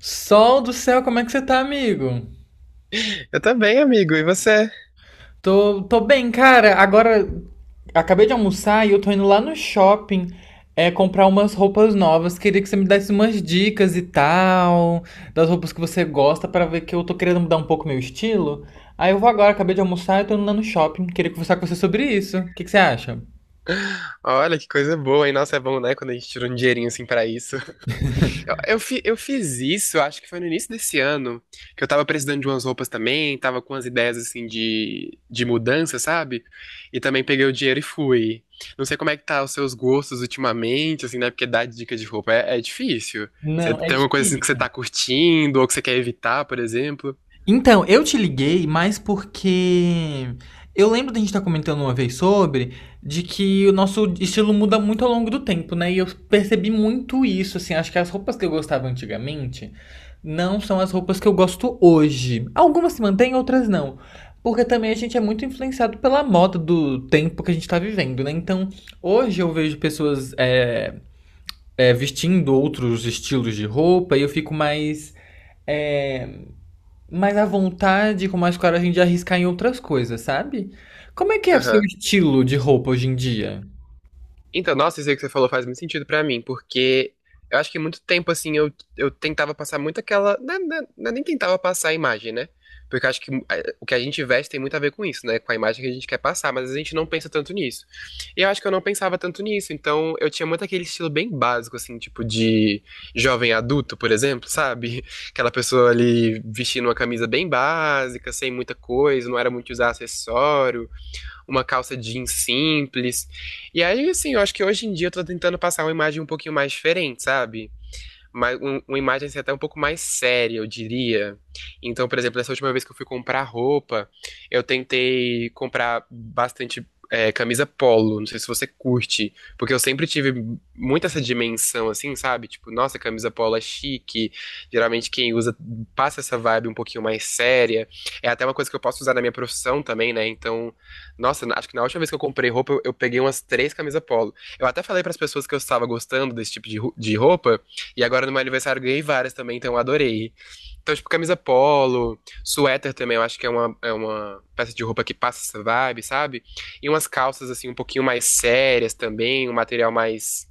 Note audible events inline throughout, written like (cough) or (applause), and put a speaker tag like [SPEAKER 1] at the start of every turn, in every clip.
[SPEAKER 1] Sol do céu, como é que você tá, amigo?
[SPEAKER 2] Eu também, amigo. E você?
[SPEAKER 1] Tô bem, cara. Agora acabei de almoçar e eu tô indo lá no shopping comprar umas roupas novas. Queria que você me desse umas dicas e tal, das roupas que você gosta, pra ver que eu tô querendo mudar um pouco meu estilo. Aí eu vou agora, acabei de almoçar e tô indo lá no shopping. Queria conversar com você sobre isso. O que que você acha?
[SPEAKER 2] Olha, que coisa boa, hein? Nossa, é bom, né? Quando a gente tira um dinheirinho assim pra isso. Eu fiz isso, acho que foi no início desse ano, que eu tava precisando de umas roupas também, tava com umas ideias assim de mudança, sabe? E também peguei o dinheiro e fui. Não sei como é que tá os seus gostos ultimamente, assim, né? Porque dar dica de roupa é difícil. Você
[SPEAKER 1] Não, é
[SPEAKER 2] tem alguma coisa assim que você
[SPEAKER 1] difícil.
[SPEAKER 2] tá curtindo ou que você quer evitar, por exemplo?
[SPEAKER 1] Então, eu te liguei mais porque eu lembro da gente estar comentando uma vez sobre de que o nosso estilo muda muito ao longo do tempo, né? E eu percebi muito isso, assim, acho que as roupas que eu gostava antigamente não são as roupas que eu gosto hoje. Algumas se mantêm, outras não. Porque também a gente é muito influenciado pela moda do tempo que a gente tá vivendo, né? Então, hoje eu vejo pessoas vestindo outros estilos de roupa e eu fico mais é, mais à vontade, com mais coragem de arriscar em outras coisas, sabe? Como é que é o seu estilo de roupa hoje em dia?
[SPEAKER 2] Então, nossa, isso aí que você falou faz muito sentido pra mim, porque eu acho que muito tempo, assim, eu tentava passar muito aquela. Não, não é nem tentava passar a imagem, né? Porque eu acho que o que a gente veste tem muito a ver com isso, né? Com a imagem que a gente quer passar, mas a gente não pensa tanto nisso. E eu acho que eu não pensava tanto nisso, então eu tinha muito aquele estilo bem básico, assim, tipo de jovem adulto, por exemplo, sabe? (laughs) Aquela pessoa ali vestindo uma camisa bem básica, sem muita coisa, não era muito usar acessório, uma calça jeans simples. E aí, assim, eu acho que hoje em dia eu tô tentando passar uma imagem um pouquinho mais diferente, sabe? Mas uma imagem assim, até um pouco mais séria, eu diria. Então, por exemplo, essa última vez que eu fui comprar roupa, eu tentei comprar bastante camisa polo. Não sei se você curte, porque eu sempre tive muito essa dimensão, assim, sabe? Tipo, nossa, camisa polo é chique. Geralmente quem usa passa essa vibe um pouquinho mais séria. É até uma coisa que eu posso usar na minha profissão também, né? Então, nossa, acho que na última vez que eu comprei roupa, eu peguei umas três camisas polo. Eu até falei para as pessoas que eu estava gostando desse tipo de roupa. E agora no meu aniversário eu ganhei várias também, então eu adorei. Então, tipo, camisa polo, suéter também, eu acho que é uma peça de roupa que passa essa vibe, sabe? E umas calças, assim, um pouquinho mais sérias também, um material mais,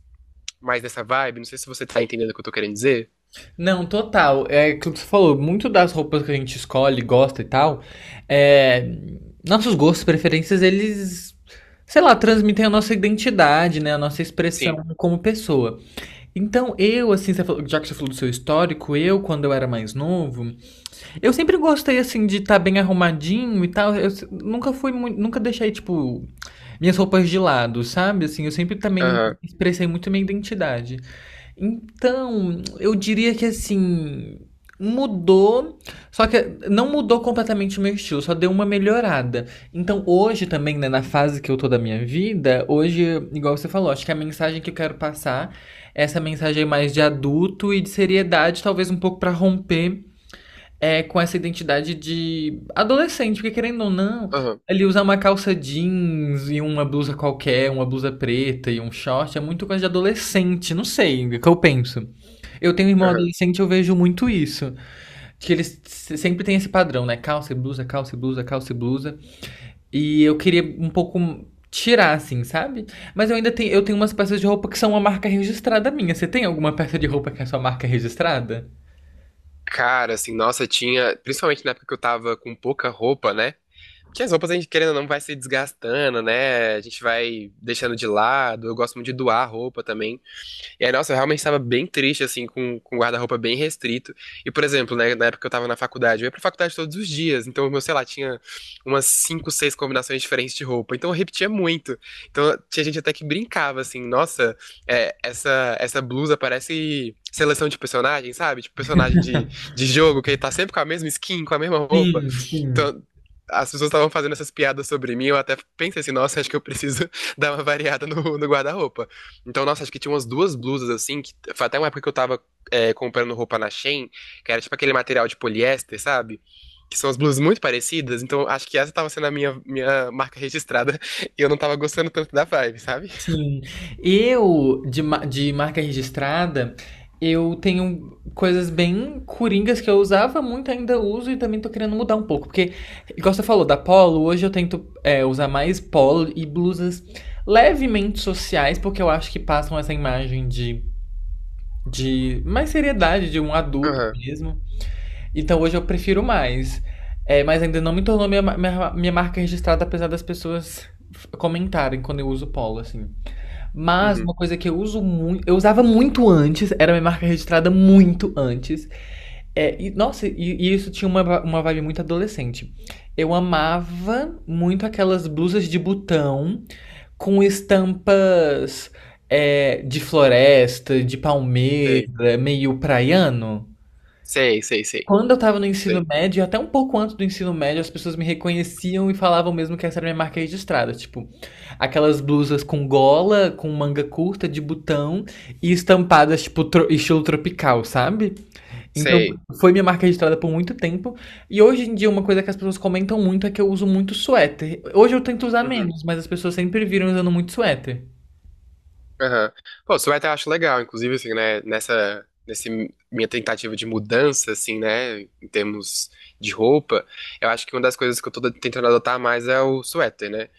[SPEAKER 2] mais dessa vibe. Não sei se você tá entendendo o que eu tô querendo dizer.
[SPEAKER 1] Não, total. É aquilo que você falou, muito das roupas que a gente escolhe, gosta e tal, é, nossos gostos, preferências, eles, sei lá, transmitem a nossa identidade, né? A nossa expressão
[SPEAKER 2] Sim.
[SPEAKER 1] como pessoa. Então, eu, assim, já que você falou do seu histórico, eu, quando eu era mais novo, eu sempre gostei, assim, de estar bem arrumadinho e tal. Eu se- Nunca fui muito, nunca deixei, tipo, minhas roupas de lado, sabe? Assim, eu sempre também
[SPEAKER 2] Aham,
[SPEAKER 1] expressei muito minha identidade. Então, eu diria que, assim, mudou, só que não mudou completamente o meu estilo, só deu uma melhorada. Então, hoje também, né, na fase que eu tô da minha vida, hoje, igual você falou, acho que a mensagem que eu quero passar é essa mensagem mais de adulto e de seriedade, talvez um pouco pra romper com essa identidade de adolescente, porque querendo ou não,
[SPEAKER 2] aham,
[SPEAKER 1] ele usar uma calça jeans e uma blusa qualquer, uma blusa preta e um short, é muito coisa de adolescente, não sei, é o que eu penso. Eu tenho um irmão
[SPEAKER 2] aham.
[SPEAKER 1] adolescente, eu vejo muito isso. Que eles se- sempre têm esse padrão, né? Calça e blusa, calça e blusa, calça e blusa. E eu queria um pouco tirar, assim, sabe? Mas eu ainda tenho, eu tenho umas peças de roupa que são uma marca registrada minha. Você tem alguma peça de roupa que é sua marca registrada?
[SPEAKER 2] Cara, assim, nossa, tinha. Principalmente na época que eu tava com pouca roupa, né? Porque as roupas a gente, querendo ou não, vai se desgastando, né? A gente vai deixando de lado. Eu gosto muito de doar roupa também. E aí, nossa, eu realmente estava bem triste, assim, com o guarda-roupa bem restrito. E, por exemplo, né, na época que eu tava na faculdade, eu ia pra faculdade todos os dias. Então, eu, sei lá, tinha umas cinco, seis combinações diferentes de roupa. Então, eu repetia muito. Então, tinha gente até que brincava, assim, nossa, essa blusa parece seleção de personagem, sabe? Tipo, personagem de jogo, que ele tá sempre com a mesma skin, com a mesma roupa.
[SPEAKER 1] Sim, sim.
[SPEAKER 2] Então, as pessoas estavam fazendo essas piadas sobre mim, eu até pensei assim, nossa, acho que eu preciso (laughs) dar uma variada no guarda-roupa. Então, nossa, acho que tinha umas duas blusas assim, que foi até uma época que eu tava comprando roupa na Shein, que era tipo aquele material de poliéster, sabe? Que são as blusas muito parecidas, então acho que essa tava sendo a minha marca registrada (laughs) e eu não tava gostando tanto da vibe, sabe?
[SPEAKER 1] Sim. De marca registrada, eu tenho coisas bem coringas que eu usava muito, ainda uso e também tô querendo mudar um pouco. Porque, igual você falou, da polo, hoje eu tento usar mais polo e blusas levemente sociais, porque eu acho que passam essa imagem de mais seriedade, de um adulto
[SPEAKER 2] Aham,
[SPEAKER 1] mesmo. Então hoje eu prefiro mais. É, mas ainda não me tornou minha marca registrada, apesar das pessoas comentarem quando eu uso polo, assim. Mas uma
[SPEAKER 2] uhum,
[SPEAKER 1] coisa que eu uso muito, eu usava muito antes, era minha marca registrada muito antes. É, e, nossa, e isso tinha uma vibe muito adolescente. Eu amava muito aquelas blusas de botão com estampas de floresta, de
[SPEAKER 2] sei.
[SPEAKER 1] palmeira, meio praiano.
[SPEAKER 2] Sei, sei, sei,
[SPEAKER 1] Quando eu estava no ensino
[SPEAKER 2] sei,
[SPEAKER 1] médio, até um pouco antes do ensino médio, as pessoas me reconheciam e falavam mesmo que essa era minha marca registrada. Tipo, aquelas blusas com gola, com manga curta, de botão e estampadas, tipo, estilo tropical, sabe? Então,
[SPEAKER 2] sei.
[SPEAKER 1] foi minha marca registrada por muito tempo. E hoje em dia, uma coisa que as pessoas comentam muito é que eu uso muito suéter. Hoje eu tento usar
[SPEAKER 2] Uhum,
[SPEAKER 1] menos, mas as pessoas sempre viram usando muito suéter.
[SPEAKER 2] aham. Pô, suéter eu acho legal, inclusive, assim, né, nessa minha tentativa de mudança, assim, né, em termos de roupa, eu acho que uma das coisas que eu tô tentando adotar mais é o suéter, né?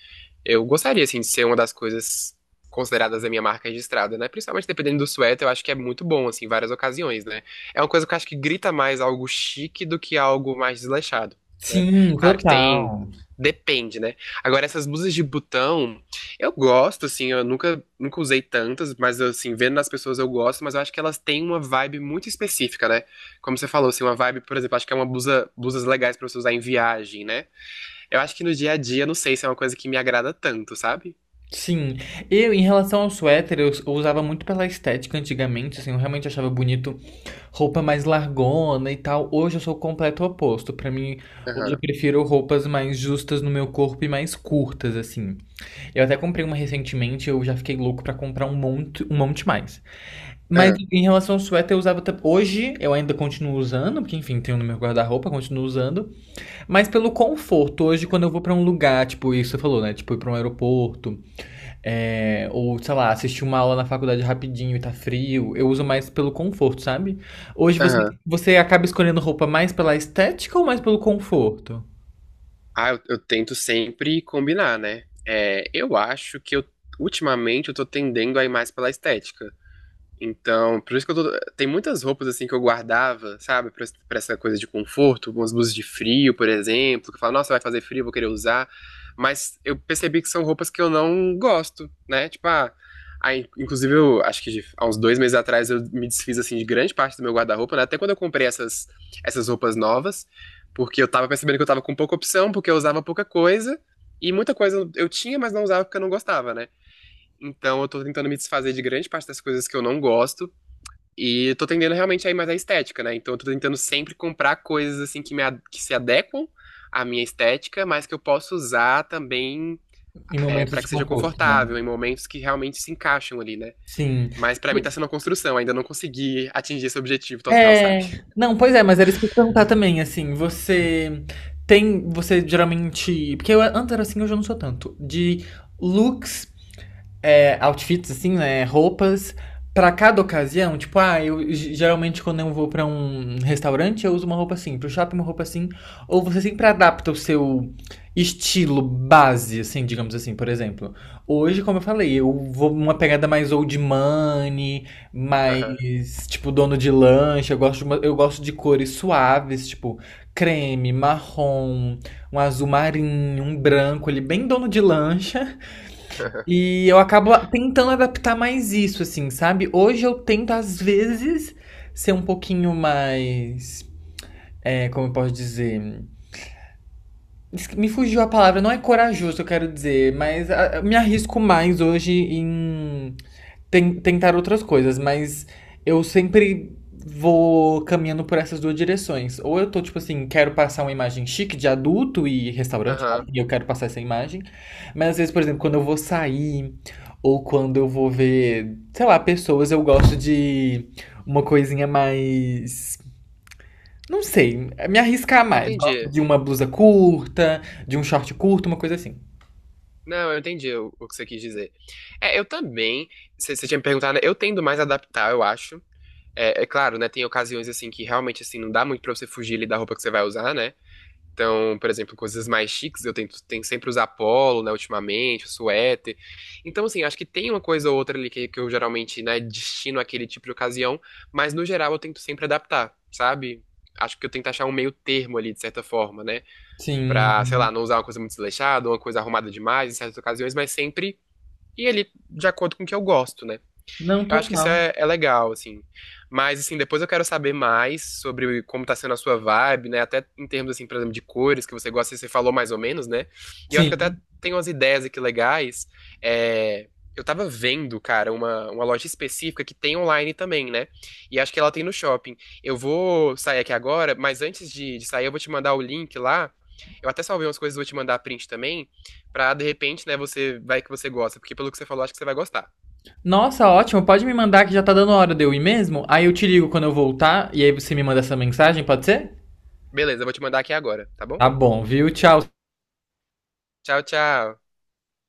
[SPEAKER 2] Eu gostaria, assim, de ser uma das coisas consideradas a minha marca registrada, né? Principalmente dependendo do suéter, eu acho que é muito bom, assim, em várias ocasiões, né? É uma coisa que eu acho que grita mais algo chique do que algo mais desleixado, né?
[SPEAKER 1] Sim,
[SPEAKER 2] Claro que tem.
[SPEAKER 1] total.
[SPEAKER 2] Depende, né? Agora, essas blusas de botão, eu gosto, assim, eu nunca, nunca usei tantas, mas, assim, vendo nas pessoas eu gosto, mas eu acho que elas têm uma vibe muito específica, né? Como você falou, assim, uma vibe, por exemplo, acho que é uma blusa, blusas legais pra você usar em viagem, né? Eu acho que no dia a dia, não sei se é uma coisa que me agrada tanto, sabe?
[SPEAKER 1] Sim, eu em relação ao suéter, eu usava muito pela estética antigamente, assim, eu realmente achava bonito roupa mais largona e tal. Hoje eu sou o completo oposto. Pra mim, hoje eu
[SPEAKER 2] Aham,
[SPEAKER 1] prefiro roupas mais justas no meu corpo e mais curtas, assim. Eu até comprei uma recentemente, eu já fiquei louco pra comprar um monte mais. Mas
[SPEAKER 2] aham,
[SPEAKER 1] em relação ao suéter, eu usava. Hoje eu ainda continuo usando, porque enfim, tenho no meu guarda-roupa, continuo usando. Mas pelo conforto, hoje quando eu vou pra um lugar, tipo, isso você falou, né? Tipo, ir pra um aeroporto. É, ou, sei lá, assistir uma aula na faculdade rapidinho e tá frio. Eu uso mais pelo conforto, sabe? Hoje você,
[SPEAKER 2] aham.
[SPEAKER 1] você acaba escolhendo roupa mais pela estética ou mais pelo conforto?
[SPEAKER 2] Ah, eu tento sempre combinar, né? É, eu acho que eu, ultimamente, eu tô tendendo a ir mais pela estética. Então, por isso que eu tô... Tem muitas roupas, assim, que eu guardava, sabe? Pra essa coisa de conforto, umas blusas de frio, por exemplo, que eu falo, nossa, vai fazer frio, vou querer usar. Mas eu percebi que são roupas que eu não gosto, né? Tipo, ah, aí, inclusive, eu acho que há uns 2 meses atrás eu me desfiz, assim, de grande parte do meu guarda-roupa, né? Até quando eu comprei essas roupas novas, porque eu tava percebendo que eu tava com pouca opção, porque eu usava pouca coisa, e muita coisa eu tinha, mas não usava porque eu não gostava, né? Então, eu tô tentando me desfazer de grande parte das coisas que eu não gosto e tô tendendo realmente aí mais à estética, né? Então eu tô tentando sempre comprar coisas assim que, que se adequam à minha estética, mas que eu posso usar também,
[SPEAKER 1] Em momentos
[SPEAKER 2] para
[SPEAKER 1] de
[SPEAKER 2] que seja
[SPEAKER 1] conforto, né?
[SPEAKER 2] confortável em momentos que realmente se encaixam ali, né?
[SPEAKER 1] Sim.
[SPEAKER 2] Mas pra mim
[SPEAKER 1] E-
[SPEAKER 2] tá sendo uma construção, ainda não consegui atingir esse objetivo total, sabe?
[SPEAKER 1] É. Não, pois é, mas era isso que eu ia te perguntar também, assim, você geralmente, porque eu antes era assim, hoje eu não sou tanto, de looks outfits, assim, né? Roupas pra cada ocasião. Tipo, ah, eu geralmente quando eu vou pra um restaurante, eu uso uma roupa assim. Pro shopping, uma roupa assim. Ou você sempre adapta o seu estilo base, assim, digamos assim, por exemplo. Hoje, como eu falei, eu vou uma pegada mais old money,
[SPEAKER 2] Aham,
[SPEAKER 1] mais, tipo, dono de lanche. Eu gosto de cores suaves, tipo, creme, marrom, um azul marinho, um branco, ele é bem dono de lancha. E eu acabo a tentando adaptar mais isso, assim, sabe. Hoje eu tento, às vezes, ser um pouquinho mais, como eu posso dizer? Esq me fugiu a palavra, não é corajoso eu quero dizer, mas a me arrisco mais hoje em tentar outras coisas, mas eu sempre vou caminhando por essas duas direções. Ou eu tô, tipo assim, quero passar uma imagem chique de adulto e restaurante,
[SPEAKER 2] aham.
[SPEAKER 1] e eu quero passar essa imagem. Mas às vezes, por exemplo, quando eu vou sair, ou quando eu vou ver, sei lá, pessoas, eu gosto de uma coisinha mais. Não sei, me arriscar
[SPEAKER 2] Eu
[SPEAKER 1] mais. Gosto
[SPEAKER 2] entendi.
[SPEAKER 1] de uma blusa curta, de um short curto, uma coisa assim.
[SPEAKER 2] Não, eu entendi o que você quis dizer. É, eu também, você tinha me perguntado, né? Eu tendo mais a adaptar, eu acho. É, claro, né? Tem ocasiões assim que realmente assim não dá muito pra você fugir ali da roupa que você vai usar, né? Então, por exemplo, coisas mais chiques, eu tento sempre usar polo, né, ultimamente, suéter. Então, assim, acho que tem uma coisa ou outra ali que eu geralmente, né, destino àquele tipo de ocasião, mas no geral eu tento sempre adaptar, sabe? Acho que eu tento achar um meio termo ali, de certa forma, né? Pra, sei
[SPEAKER 1] Sim.
[SPEAKER 2] lá, não usar uma coisa muito desleixada, uma coisa arrumada demais em certas ocasiões, mas sempre ir ali de acordo com o que eu gosto, né?
[SPEAKER 1] Não,
[SPEAKER 2] Eu acho que isso
[SPEAKER 1] total.
[SPEAKER 2] é legal, assim. Mas, assim, depois eu quero saber mais sobre como tá sendo a sua vibe, né? Até em termos, assim, por exemplo, de cores que você gosta, você falou mais ou menos, né? E eu acho que até
[SPEAKER 1] Sim.
[SPEAKER 2] tem umas ideias aqui legais. É, eu tava vendo, cara, uma loja específica que tem online também, né? E acho que ela tem no shopping. Eu vou sair aqui agora, mas antes de sair, eu vou te mandar o link lá. Eu até salvei umas coisas, vou te mandar print também, pra de repente, né, você vai que você gosta, porque pelo que você falou, acho que você vai gostar.
[SPEAKER 1] Nossa, ótimo. Pode me mandar que já tá dando hora de eu ir mesmo? Aí eu te ligo quando eu voltar e aí você me manda essa mensagem, pode ser?
[SPEAKER 2] Beleza, eu vou te mandar aqui agora, tá bom?
[SPEAKER 1] Tá bom, viu? Tchau.
[SPEAKER 2] Tchau, tchau.